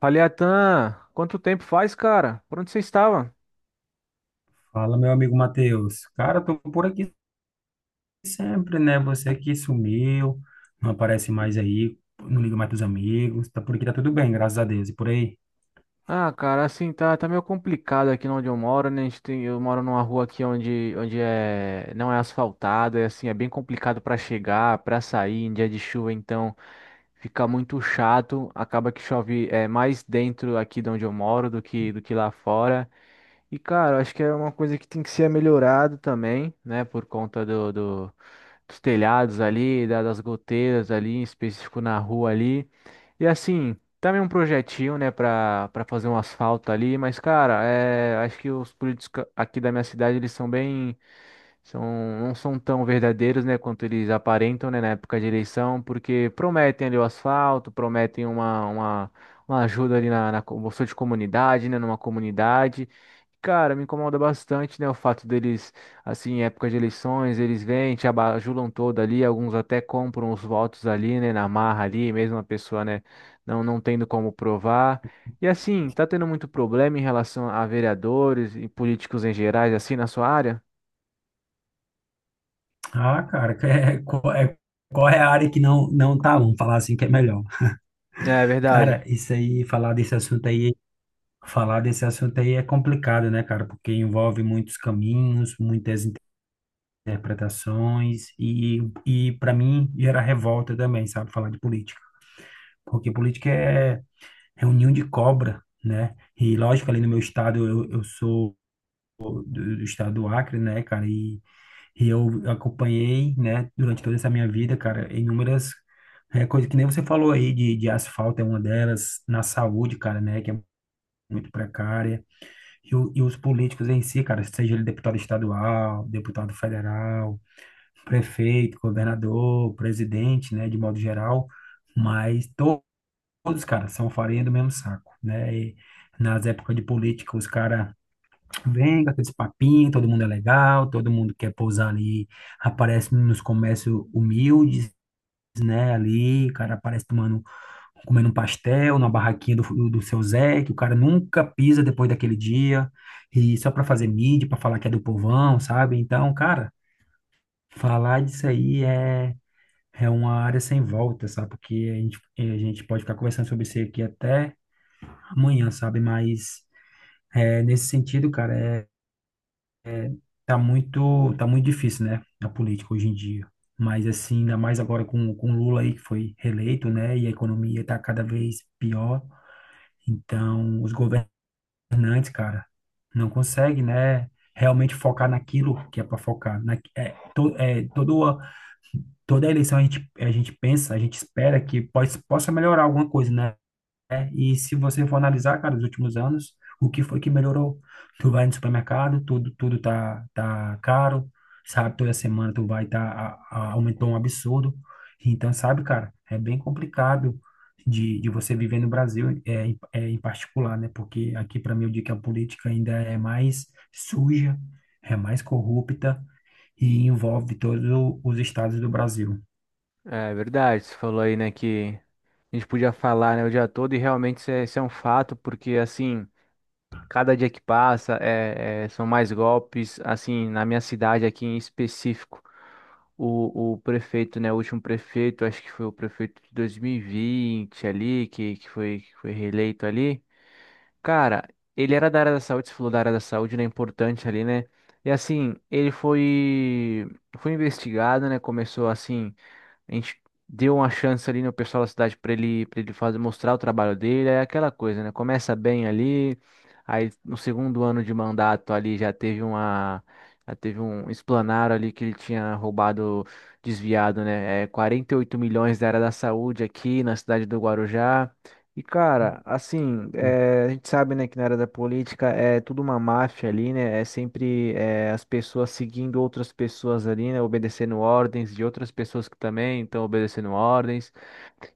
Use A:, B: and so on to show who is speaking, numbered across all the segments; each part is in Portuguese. A: Fala, Atan, quanto tempo faz, cara? Por onde você estava?
B: Fala, meu amigo Matheus. Cara, tô por aqui sempre, né? Você que sumiu, não aparece mais aí, não liga mais pros amigos. Tá por aqui, tá tudo bem, graças a Deus. E por aí?
A: Ah, cara, assim, tá meio complicado aqui onde eu moro, né? A gente tem, eu moro numa rua aqui onde é, não é asfaltada, e assim, é bem complicado pra chegar, pra sair em dia de chuva, então fica muito chato. Acaba que chove é, mais dentro aqui de onde eu moro do que lá fora. E, cara, eu acho que é uma coisa que tem que ser melhorado também, né? Por conta dos telhados ali, das goteiras ali, em específico na rua ali. E assim. Também um projetinho, né, pra fazer um asfalto ali, mas, cara, é, acho que os políticos aqui da minha cidade, eles são bem, são, não são tão verdadeiros, né, quanto eles aparentam, né, na época de eleição, porque prometem ali o asfalto, prometem uma, uma ajuda ali na bolsa de comunidade, né, numa comunidade. Cara, me incomoda bastante, né, o fato deles, assim, em época de eleições, eles vêm, te abajulam todo ali, alguns até compram os votos ali, né, na marra ali, mesmo a pessoa, né, não tendo como provar. E assim, tá tendo muito problema em relação a vereadores e políticos em gerais, assim, na sua área?
B: Ah, cara, que é, qual é a área que não tá? Vamos falar assim que é melhor.
A: É verdade,
B: Cara, isso aí, falar desse assunto aí é complicado, né, cara? Porque envolve muitos caminhos, muitas interpretações e para mim, gera revolta também, sabe? Falar de política. Porque política é um ninho de cobra, né? E lógico, ali no meu estado, eu sou do, do estado do Acre, né, cara? E eu acompanhei, né, durante toda essa minha vida, cara, inúmeras coisas que nem você falou aí, de asfalto é uma delas, na saúde, cara, né, que é muito precária. E os políticos em si, cara, seja ele deputado estadual, deputado federal, prefeito, governador, presidente, né, de modo geral, mas todos, cara, são farinha do mesmo saco, né? E nas épocas de política, os caras vêm com aqueles papinhos, todo mundo é legal, todo mundo quer pousar ali, aparece nos comércios humildes, né? Ali, o cara aparece tomando, comendo um pastel na barraquinha do seu Zé, que o cara nunca pisa depois daquele dia, e só pra fazer mídia, pra falar que é do povão, sabe? Então, cara, falar disso aí é. É uma área sem volta, sabe? Porque a gente pode ficar conversando sobre isso aqui até amanhã, sabe? Mas nesse sentido, cara, é, tá muito difícil, né? A política hoje em dia. Mas assim, ainda mais agora com o Lula aí que foi reeleito, né? E a economia tá cada vez pior. Então, os governantes, cara, não conseguem, né? Realmente focar naquilo que é para focar. Na, é, to, é, toda, toda eleição a gente pensa, a gente espera que possa melhorar alguma coisa, né? E se você for analisar, cara, os últimos anos, o que foi que melhorou? Tu vai no supermercado, tudo tá caro, sabe? Toda semana tu vai tá, aumentou um absurdo. Então, sabe, cara, é bem complicado de você viver no Brasil, em particular, né? Porque aqui, para mim, eu digo que a política ainda é mais suja, é mais corrupta e envolve todos os estados do Brasil.
A: é verdade. Você falou aí, né, que a gente podia falar, né, o dia todo e realmente isso é um fato, porque assim, cada dia que passa são mais golpes, assim, na minha cidade aqui em específico. O prefeito, né? O último prefeito, acho que foi o prefeito de 2020 ali, que foi reeleito ali. Cara, ele era da área da saúde, você falou da área da saúde, né? Importante ali, né? E assim, ele foi investigado, né? Começou assim. A gente deu uma chance ali no pessoal da cidade para ele fazer, mostrar o trabalho dele, é aquela coisa, né? Começa bem ali, aí no segundo ano de mandato ali já teve um explanar ali que ele tinha roubado, desviado, né? É, 48 milhões da área da saúde aqui na cidade do Guarujá. E cara, assim,
B: Hum.
A: a gente sabe, né, que na área da política é tudo uma máfia ali, né? É sempre as pessoas seguindo outras pessoas ali, né? Obedecendo ordens de outras pessoas que também estão obedecendo ordens.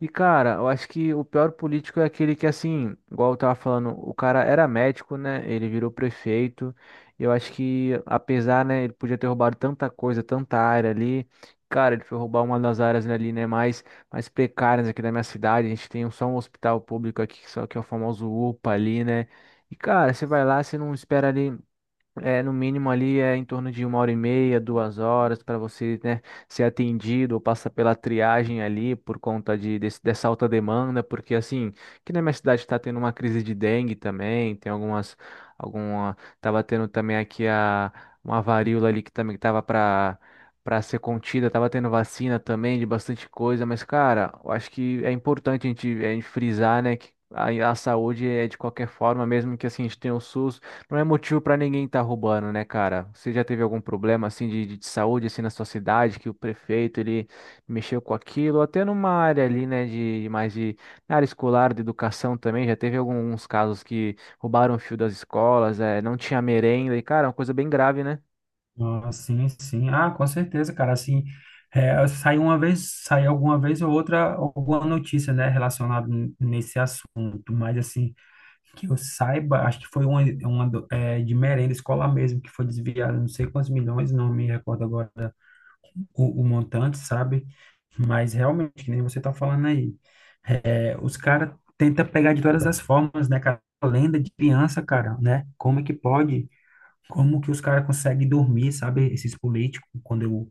A: E, cara, eu acho que o pior político é aquele que, assim, igual eu tava falando, o cara era médico, né? Ele virou prefeito. Eu acho que, apesar, né, ele podia ter roubado tanta coisa, tanta área ali. Cara, ele foi roubar uma das áreas ali, né, mais precárias aqui da minha cidade. A gente tem só um hospital público aqui, que só que é o famoso UPA ali, né? E, cara, você vai lá, você não espera ali. É, no mínimo ali é em torno de 1 hora e meia, 2 horas para você, né, ser atendido ou passar pela triagem ali por conta de, dessa alta demanda, porque assim, que na minha cidade está tendo uma crise de dengue também, tem tava tendo também aqui uma varíola ali que também tava para ser contida, tava tendo vacina também de bastante coisa, mas cara, eu acho que é importante a gente frisar, né, que a saúde é de qualquer forma, mesmo que assim a gente tenha o SUS, não é motivo pra ninguém estar roubando, né, cara? Você já teve algum problema assim de, de saúde assim na sua cidade que o prefeito ele mexeu com aquilo, até numa área ali, né, de mais de na área escolar, de educação também, já teve alguns casos que roubaram o fio das escolas, é, não tinha merenda e cara, é uma coisa bem grave, né?
B: Ah, sim, sim. Ah, com certeza, cara. Assim, sai alguma vez ou outra alguma notícia, né, relacionada nesse assunto. Mas assim, que eu saiba, acho que foi uma, de merenda escolar mesmo que foi desviada, não sei quantos milhões, não me recordo agora o montante, sabe? Mas realmente, que nem você tá falando aí, os caras tentam pegar de todas as formas, né, cara? Lenda de criança, cara, né? Como é que pode? Como que os caras conseguem dormir, sabe? Esses políticos, quando eu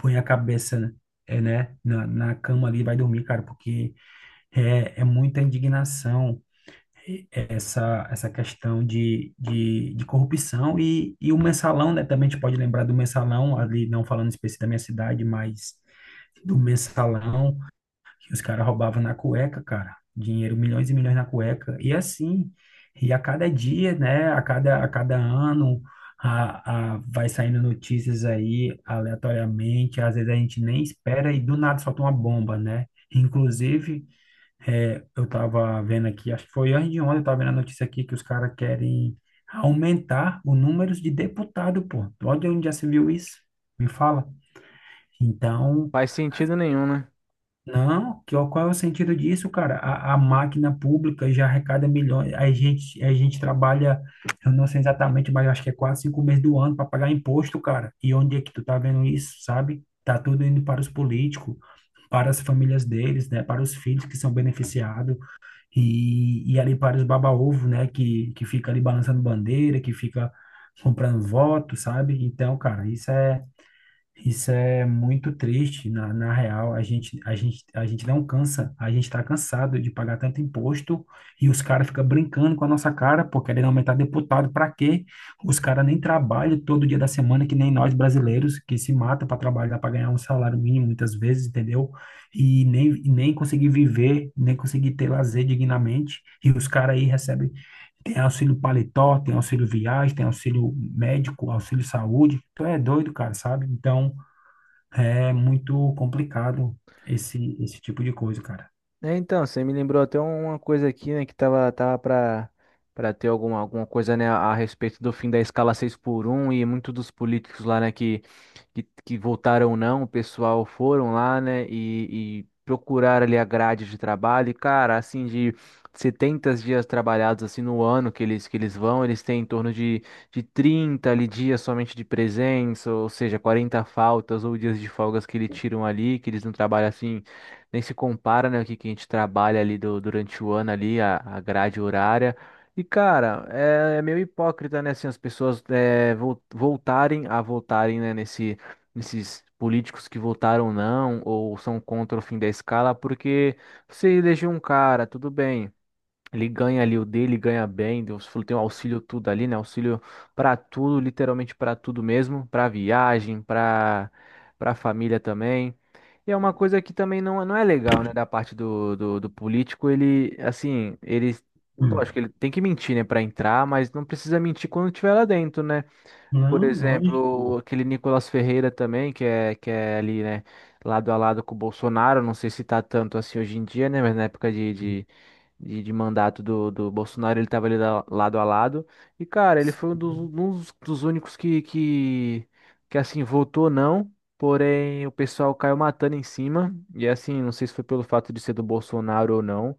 B: ponho a cabeça, né, na cama ali, vai dormir, cara, porque é muita indignação, essa questão de corrupção e o mensalão, né? Também a gente pode lembrar do mensalão, ali, não falando específico da minha cidade, mas do mensalão os caras roubavam na cueca, cara. Dinheiro, milhões e milhões na cueca. E assim, e a cada dia, né? A cada ano, vai saindo notícias aí aleatoriamente. Às vezes a gente nem espera e do nada solta uma bomba, né? Inclusive, eu tava vendo aqui, acho que foi antes de ontem, eu tava vendo a notícia aqui que os caras querem aumentar o número de deputado, pô. Olha onde já se viu isso. Me fala. Então,
A: Faz sentido nenhum, né?
B: não, qual é o sentido disso, cara? A máquina pública já arrecada milhões. A gente trabalha, eu não sei exatamente, mas eu acho que é quase 5 meses do ano para pagar imposto, cara. E onde é que tu tá vendo isso, sabe? Tá tudo indo para os políticos, para as famílias deles, né? Para os filhos que são beneficiados e ali para os baba-ovo, né? Que fica ali balançando bandeira, que fica comprando voto, sabe? Então, cara, isso é muito triste, na real, a gente não cansa, a gente está cansado de pagar tanto imposto e os caras ficam brincando com a nossa cara, pô, querendo aumentar deputado, para quê? Os caras nem trabalham todo dia da semana, que nem nós brasileiros, que se mata para trabalhar, para ganhar um salário mínimo muitas vezes, entendeu? E nem conseguir viver, nem conseguir ter lazer dignamente, e os caras aí recebem, tem auxílio paletó, tem auxílio viagem, tem auxílio médico, auxílio saúde, tu é doido, cara, sabe? Então, é muito complicado esse tipo de coisa, cara.
A: É, então, você me lembrou até uma coisa aqui, né, que tava, para ter alguma, coisa, né, a respeito do fim da escala 6 por um e muitos dos políticos lá, né, que votaram não, o pessoal foram lá, né, e procuraram ali a grade de trabalho e, cara, assim, de 70 dias trabalhados, assim, no ano que eles vão, eles têm em torno de, 30 ali dias somente de presença, ou seja, 40 faltas ou dias de folgas que eles tiram ali, que eles não trabalham, assim, nem se compara, né, o que, que a gente trabalha ali durante o ano ali, a, grade horária. E, cara, é meio hipócrita, né, assim, as pessoas é, voltarem a votarem, né, nesses políticos que votaram não ou são contra o fim da escala, porque você elegeu um cara, tudo bem. Ele ganha ali o dele, ganha bem, Deus falou, tem um auxílio tudo ali, né? Auxílio pra tudo, literalmente pra tudo mesmo, pra viagem, pra para família também. E é uma coisa que também não é legal, né, da parte do político, ele assim, ele lógico que
B: Hum.
A: ele tem que mentir, né, pra entrar, mas não precisa mentir quando estiver lá dentro, né? Por
B: Não,
A: exemplo,
B: lógico.
A: aquele Nicolas Ferreira também, que é ali, né, lado a lado com o Bolsonaro, não sei se tá tanto assim hoje em dia, né, mas na época de mandato do Bolsonaro ele tava ali lado a lado. E, cara, ele foi um dos,
B: Sim,
A: um dos únicos assim, votou não, porém o pessoal caiu matando em cima. E, assim, não sei se foi pelo fato de ser do Bolsonaro ou não.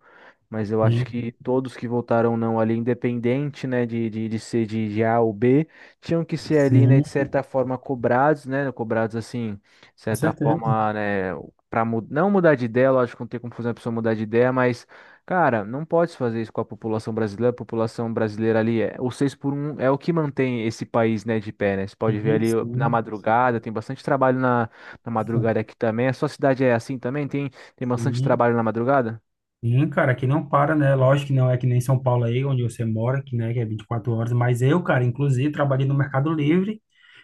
A: Mas eu acho que
B: sim,
A: todos que votaram não ali, independente, né, de ser de A ou B, tinham que ser ali, né,
B: sim,
A: de certa forma cobrados, né, cobrados assim, de
B: com
A: certa
B: certeza.
A: forma, né, para não mudar de ideia, lógico, não tem como fazer uma pessoa mudar de ideia, mas cara, não pode fazer isso com a população brasileira ali é, o 6 por um é o que mantém esse país, né, de pé, né? Você
B: Sim,
A: pode ver ali ó, na
B: sim, sim,
A: madrugada, tem bastante trabalho na, na
B: sim.
A: madrugada aqui também. A sua cidade é assim também? Tem tem bastante
B: Sim,
A: trabalho na madrugada?
B: sim, cara, que não para, né? Lógico que não é que nem São Paulo aí, onde você mora, que, né, que é 24 horas, mas eu, cara, inclusive, trabalhei no Mercado Livre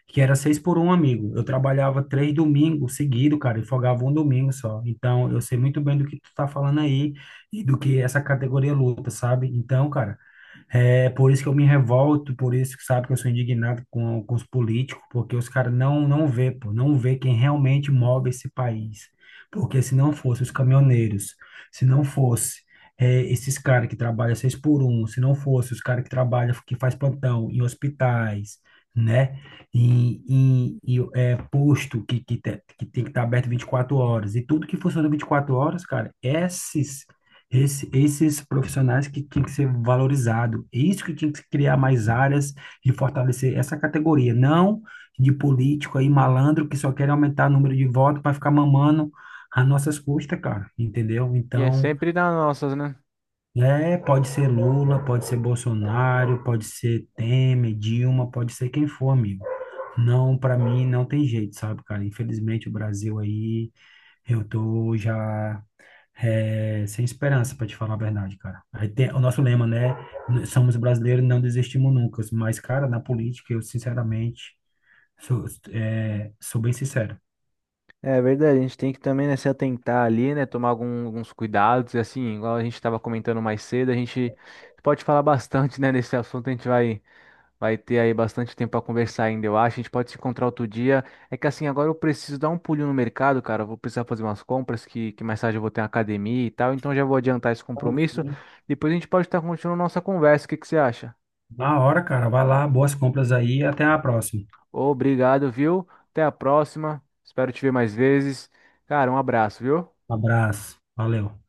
B: que era seis por um, amigo. Eu trabalhava 3 domingos seguido, cara, e folgava um domingo só. Então, eu sei muito bem do que tu tá falando aí e do que essa categoria luta, sabe? Então, cara, é por isso que eu me revolto, por isso que sabe que eu sou indignado com os políticos, porque os caras não vê, pô, não vê quem realmente move esse país. Porque se não fosse os caminhoneiros, se não fosse esses caras que trabalham seis por um, se não fosse os caras que trabalham, que faz plantão em hospitais, né? Posto que tem que estar aberto 24 horas, e tudo que funciona 24 horas, cara, esses profissionais que tinham que ser valorizados, é isso que tinha que se criar mais áreas e fortalecer essa categoria, não de político aí malandro que só quer aumentar o número de votos para ficar mamando às nossas custas, cara, entendeu?
A: E é
B: Então,
A: sempre nas nossas, né?
B: pode ser Lula, pode ser Bolsonaro, pode ser Temer, Dilma, pode ser quem for, amigo. Não, para mim não tem jeito, sabe, cara? Infelizmente o Brasil aí, eu tô já sem esperança, para te falar a verdade, cara. A gente o nosso lema, né? Somos brasileiros, não desistimos nunca. Mas, cara, na política, eu sinceramente sou, sou bem sincero.
A: É verdade, a gente tem que também, né, se atentar ali, né, tomar alguns cuidados, e assim, igual a gente estava comentando mais cedo, a gente pode falar bastante, né, nesse assunto, a gente vai, ter aí bastante tempo para conversar ainda, eu acho, a gente pode se encontrar outro dia, é que assim, agora eu preciso dar um pulinho no mercado, cara, eu vou precisar fazer umas compras, que mais tarde eu vou ter uma academia e tal, então já vou adiantar esse
B: Então,
A: compromisso,
B: sim.
A: depois a gente pode estar continuando nossa conversa, o que que você acha?
B: Na hora, cara, vai lá, boas compras aí, e até a próxima.
A: Obrigado, viu? Até a próxima, espero te ver mais vezes, cara, um abraço, viu?
B: Abraço, valeu.